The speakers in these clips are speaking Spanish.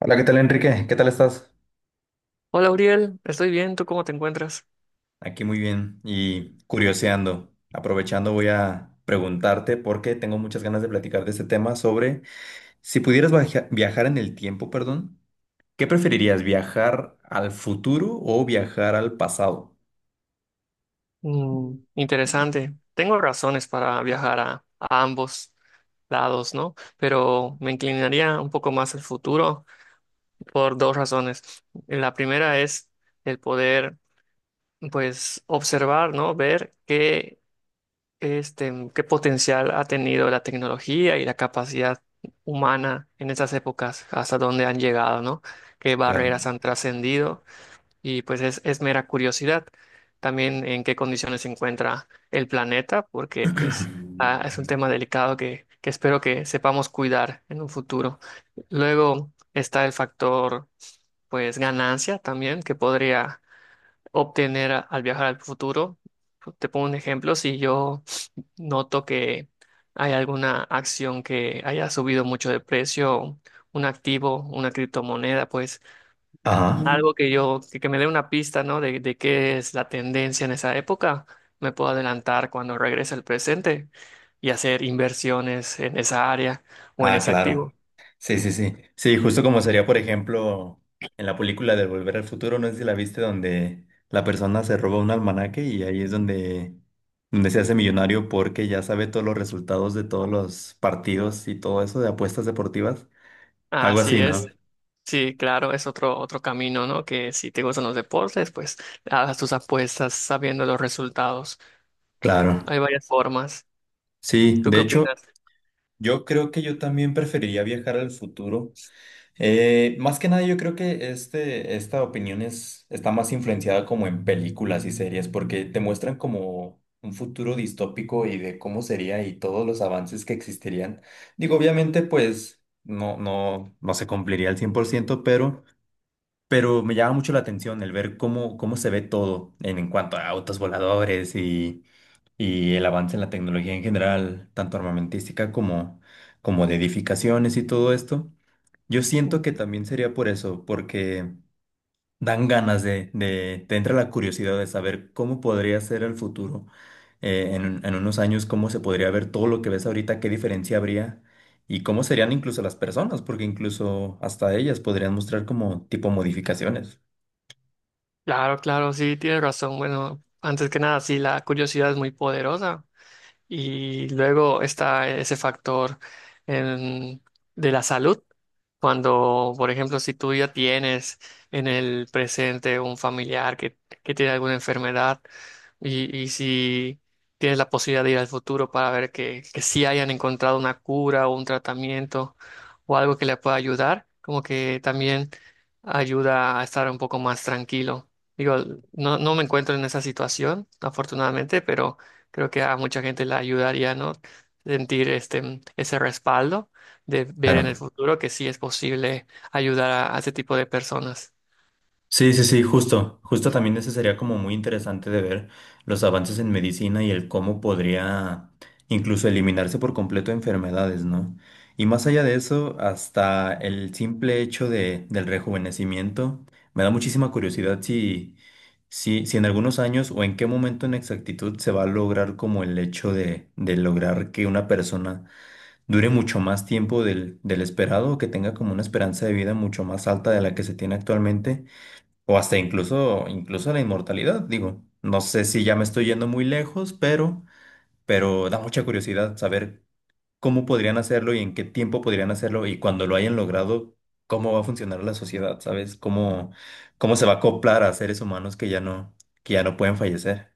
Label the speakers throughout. Speaker 1: Hola, ¿qué tal, Enrique? ¿Qué tal estás?
Speaker 2: Hola Uriel, estoy bien, ¿tú cómo te encuentras?
Speaker 1: Aquí muy bien y curioseando. Aprovechando voy a preguntarte porque tengo muchas ganas de platicar de este tema sobre si pudieras viajar en el tiempo, perdón, ¿qué preferirías, viajar al futuro o viajar al pasado?
Speaker 2: Interesante. Tengo razones para viajar a ambos lados, ¿no? Pero me inclinaría un poco más al futuro por dos razones. La primera es el poder, pues, observar, ¿no? Ver qué, qué potencial ha tenido la tecnología y la capacidad humana en esas épocas, hasta dónde han llegado, ¿no? Qué
Speaker 1: Claro.
Speaker 2: barreras han trascendido y pues es mera curiosidad. También en qué condiciones se encuentra el planeta, porque pues es un tema delicado que espero que sepamos cuidar en un futuro. Luego está el factor pues ganancia también que podría obtener al viajar al futuro. Te pongo un ejemplo, si yo noto que hay alguna acción que haya subido mucho de precio, un activo, una criptomoneda, pues
Speaker 1: Ajá.
Speaker 2: algo que me dé una pista, ¿no? De qué es la tendencia en esa época, me puedo adelantar cuando regrese al presente y hacer inversiones en esa área o en
Speaker 1: Ah,
Speaker 2: ese
Speaker 1: claro.
Speaker 2: activo.
Speaker 1: Sí, sí, sí. Sí, justo como sería, por ejemplo, en la película de Volver al Futuro, no sé si la viste, donde la persona se roba un almanaque y ahí es donde, donde se hace millonario porque ya sabe todos los resultados de todos los partidos y todo eso de apuestas deportivas. Algo
Speaker 2: Así
Speaker 1: así,
Speaker 2: es.
Speaker 1: ¿no?
Speaker 2: Sí, claro, es otro camino, ¿no? Que si te gustan los deportes, pues hagas tus apuestas sabiendo los resultados.
Speaker 1: Claro.
Speaker 2: Hay varias formas.
Speaker 1: Sí,
Speaker 2: ¿Tú
Speaker 1: de
Speaker 2: qué
Speaker 1: hecho,
Speaker 2: opinas?
Speaker 1: yo creo que yo también preferiría viajar al futuro. Más que nada, yo creo que esta opinión es, está más influenciada como en películas y series, porque te muestran como un futuro distópico y de cómo sería y todos los avances que existirían. Digo, obviamente, pues no se cumpliría al 100%, pero me llama mucho la atención el ver cómo, cómo se ve todo en cuanto a autos voladores y el avance en la tecnología en general, tanto armamentística como, como de edificaciones y todo esto. Yo siento que
Speaker 2: Ujú.
Speaker 1: también sería por eso, porque dan ganas te entra la curiosidad de saber cómo podría ser el futuro, en unos años, cómo se podría ver todo lo que ves ahorita, qué diferencia habría y cómo serían incluso las personas, porque incluso hasta ellas podrían mostrar como tipo modificaciones.
Speaker 2: Claro, claro, sí, tienes razón. Bueno, antes que nada, sí, la curiosidad es muy poderosa. Y luego está ese factor em, de la salud. Cuando, por ejemplo, si tú ya tienes en el presente un familiar que tiene alguna enfermedad y si tienes la posibilidad de ir al futuro para ver que sí hayan encontrado una cura o un tratamiento o algo que le pueda ayudar, como que también ayuda a estar un poco más tranquilo. Digo, no, no me encuentro en esa situación, afortunadamente. Creo que a mucha gente le ayudaría, ¿no? Sentir este, ese respaldo de ver en el
Speaker 1: Claro.
Speaker 2: futuro que sí es posible ayudar a ese tipo de personas.
Speaker 1: Sí, sí, sí, justo, justo también ese sería como muy interesante de ver los avances en medicina y el cómo podría incluso eliminarse por completo enfermedades, ¿no? Y más allá de eso, hasta el simple hecho de, del rejuvenecimiento, me da muchísima curiosidad si en algunos años o en qué momento en exactitud se va a lograr como el hecho de lograr que una persona dure mucho más tiempo del, del esperado o que tenga como una esperanza de vida mucho más alta de la que se tiene actualmente o incluso la inmortalidad, digo. No sé si ya me estoy yendo muy lejos, pero da mucha curiosidad saber cómo podrían hacerlo y en qué tiempo podrían hacerlo y cuando lo hayan logrado, cómo va a funcionar la sociedad, ¿sabes? Cómo, cómo se va a acoplar a seres humanos que ya no pueden fallecer.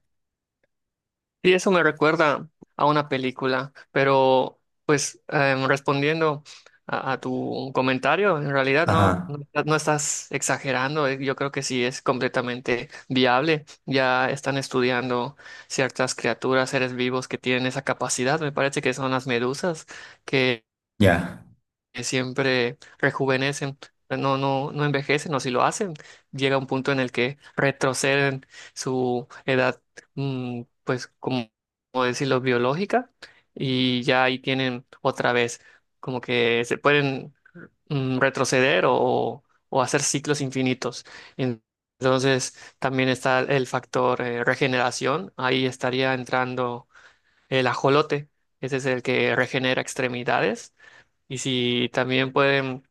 Speaker 2: Y eso me recuerda a una película, pero pues respondiendo a tu comentario, en realidad
Speaker 1: Ajá,
Speaker 2: no, no, no estás exagerando, yo creo que sí es completamente viable. Ya están estudiando ciertas criaturas, seres vivos que tienen esa capacidad, me parece que son las medusas que
Speaker 1: ya.
Speaker 2: que siempre rejuvenecen, no, no, no envejecen, o si lo hacen, llega un punto en el que retroceden su edad, pues como decirlo, biológica, y ya ahí tienen otra vez, como que se pueden retroceder o hacer ciclos infinitos. En- Entonces también está el factor regeneración, ahí estaría entrando el ajolote, ese es el que regenera extremidades y si también pueden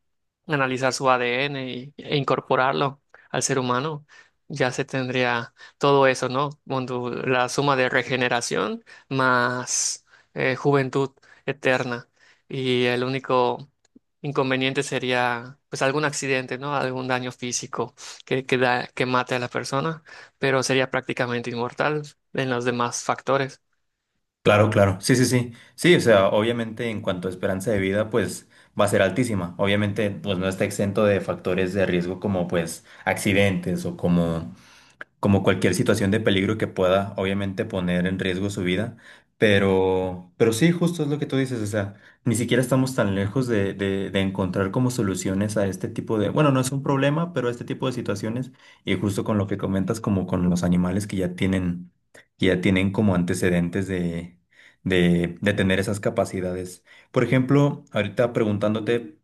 Speaker 2: analizar su ADN e incorporarlo al ser humano, ya se tendría todo eso, ¿no? Cuando la suma de regeneración más juventud eterna. Y el único inconveniente sería pues algún accidente, ¿no? Algún daño físico que mate a la persona, pero sería prácticamente inmortal en los demás factores.
Speaker 1: Claro, claro. Sí, sí, sí. Sí, o sea, obviamente en cuanto a esperanza de vida, pues va a ser altísima. Obviamente, pues no está exento de factores de riesgo como pues accidentes o como como cualquier situación de peligro que pueda, obviamente, poner en riesgo su vida. Pero sí, justo es lo que tú dices, o sea, ni siquiera estamos tan lejos de encontrar como soluciones a este tipo de, bueno, no es un problema, pero a este tipo de situaciones, y justo con lo que comentas, como con los animales que ya tienen como antecedentes de tener esas capacidades. Por ejemplo, ahorita preguntándote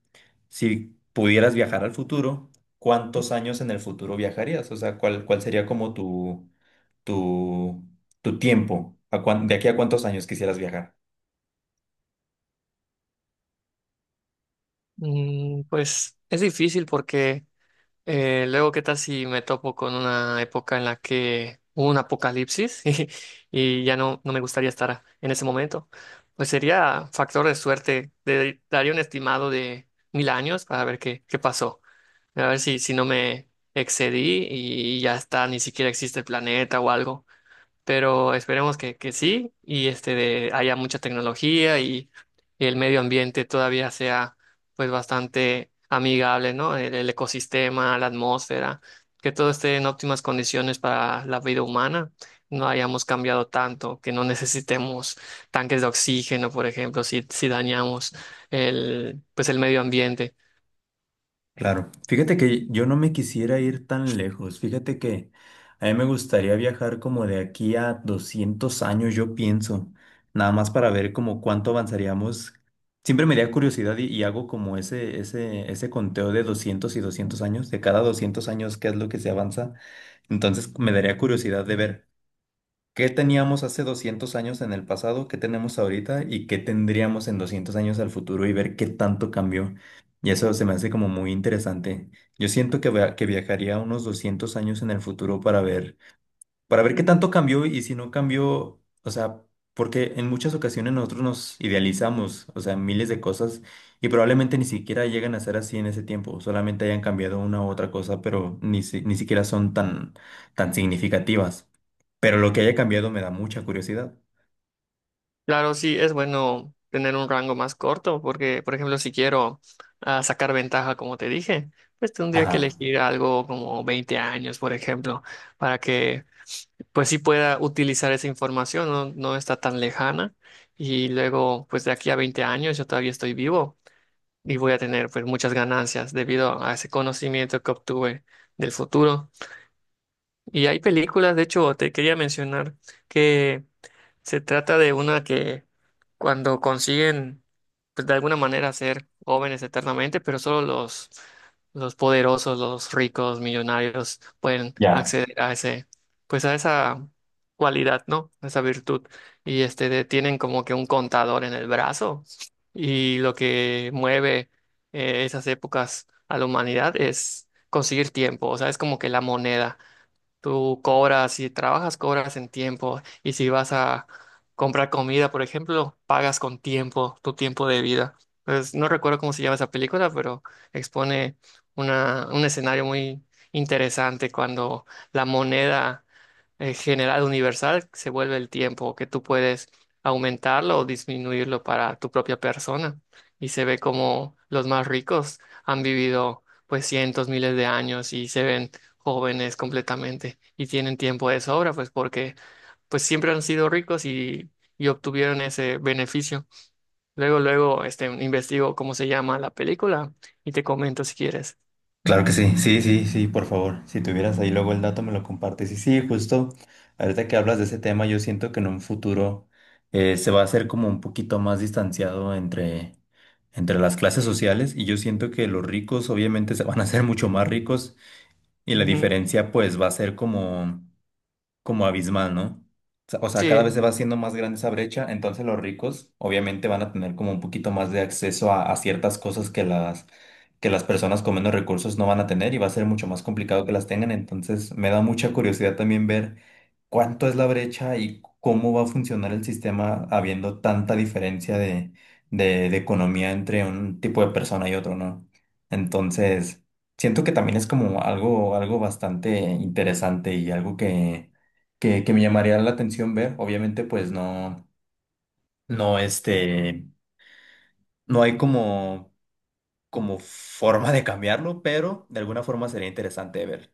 Speaker 1: si pudieras viajar al futuro, ¿cuántos años en el futuro viajarías? O sea, ¿cuál, cuál sería como tu, tu tiempo? ¿A de aquí a cuántos años quisieras viajar?
Speaker 2: Pues es difícil porque luego, ¿qué tal si me topo con una época en la que hubo un apocalipsis y ya no, no me gustaría estar en ese momento? Pues sería factor de suerte. Daría un estimado de 1000 años para ver qué pasó. A ver si no me excedí y ya está, ni siquiera existe el planeta o algo, pero esperemos que sí y haya mucha tecnología y el medio ambiente todavía sea pues bastante amigable, ¿no? El ecosistema, la atmósfera, que todo esté en óptimas condiciones para la vida humana, no hayamos cambiado tanto, que no necesitemos tanques de oxígeno, por ejemplo, si dañamos el medio ambiente.
Speaker 1: Claro, fíjate que yo no me quisiera ir tan lejos, fíjate que a mí me gustaría viajar como de aquí a 200 años, yo pienso, nada más para ver como cuánto avanzaríamos. Siempre me da curiosidad y hago como ese conteo de 200 y 200 años, de cada 200 años qué es lo que se avanza. Entonces me daría curiosidad de ver. ¿Qué teníamos hace 200 años en el pasado? ¿Qué tenemos ahorita? ¿Y qué tendríamos en 200 años al futuro? Y ver qué tanto cambió. Y eso se me hace como muy interesante. Yo siento que, que viajaría unos 200 años en el futuro para ver qué tanto cambió y si no cambió, o sea, porque en muchas ocasiones nosotros nos idealizamos, o sea, miles de cosas y probablemente ni siquiera llegan a ser así en ese tiempo, solamente hayan cambiado una u otra cosa, pero ni, ni siquiera son tan, tan significativas. Pero lo que haya cambiado me da mucha curiosidad.
Speaker 2: Claro, sí, es bueno tener un rango más corto porque, por ejemplo, si quiero sacar ventaja, como te dije, pues tendría que
Speaker 1: Ajá,
Speaker 2: elegir algo como 20 años, por ejemplo, para que pues sí pueda utilizar esa información, no, no está tan lejana y luego pues de aquí a 20 años yo todavía estoy vivo y voy a tener pues muchas ganancias debido a ese conocimiento que obtuve del futuro. Y hay películas, de hecho, te quería mencionar que se trata de una que cuando consiguen, pues de alguna manera ser jóvenes eternamente, pero solo los poderosos, los ricos, millonarios pueden
Speaker 1: ya.
Speaker 2: acceder a ese, pues a esa cualidad, ¿no? A esa virtud. Y tienen como que un contador en el brazo y lo que mueve esas épocas a la humanidad es conseguir tiempo, o sea, es como que la moneda. Tú cobras, si trabajas, cobras en tiempo. Y si vas a comprar comida, por ejemplo, pagas con tiempo, tu tiempo de vida. Pues no recuerdo cómo se llama esa película, pero expone una, un escenario muy interesante cuando la moneda general universal se vuelve el tiempo, que tú puedes aumentarlo o disminuirlo para tu propia persona. Y se ve como los más ricos han vivido pues cientos, miles de años y se ven jóvenes completamente y tienen tiempo de sobra, pues porque pues siempre han sido ricos y obtuvieron ese beneficio. Luego, luego, investigo cómo se llama la película y te comento si quieres.
Speaker 1: Claro que sí, sí, sí, sí, por favor. Si tuvieras ahí luego el dato, me lo compartes. Y sí, justo ahorita que hablas de ese tema, yo siento que en un futuro se va a hacer como un poquito más distanciado entre, entre las clases sociales y yo siento que los ricos obviamente se van a hacer mucho más ricos y la
Speaker 2: Ujú.
Speaker 1: diferencia pues va a ser como como abismal, ¿no? O sea, cada
Speaker 2: Sí,
Speaker 1: vez se va haciendo más grande esa brecha, entonces los ricos obviamente van a tener como un poquito más de acceso a ciertas cosas que las personas con menos recursos no van a tener y va a ser mucho más complicado que las tengan, entonces me da mucha curiosidad también ver cuánto es la brecha y cómo va a funcionar el sistema habiendo tanta diferencia de economía entre un tipo de persona y otro, ¿no? Entonces, siento que también es como algo, algo bastante interesante y algo que me llamaría la atención ver. Obviamente, pues no, no, no hay como, como forma de cambiarlo, pero de alguna forma sería interesante de ver.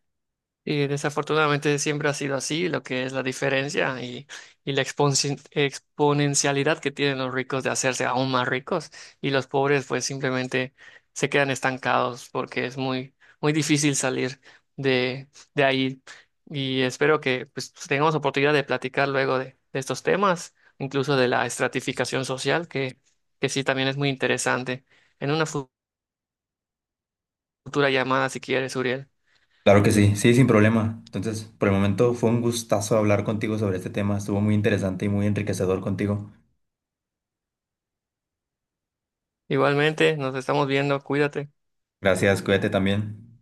Speaker 2: y desafortunadamente siempre ha sido así, lo que es la diferencia y la exponencialidad que tienen los ricos de hacerse aún más ricos y los pobres pues simplemente se quedan estancados porque es muy, muy difícil salir de, de ahí. Y espero que pues tengamos oportunidad de platicar luego de estos temas, incluso de la estratificación social, que sí también es muy interesante, en una futura llamada si quieres, Uriel.
Speaker 1: Claro que sí, sí, sin problema. Entonces, por el momento fue un gustazo hablar contigo sobre este tema. Estuvo muy interesante y muy enriquecedor contigo.
Speaker 2: Igualmente, nos estamos viendo, cuídate.
Speaker 1: Gracias, cuídate también.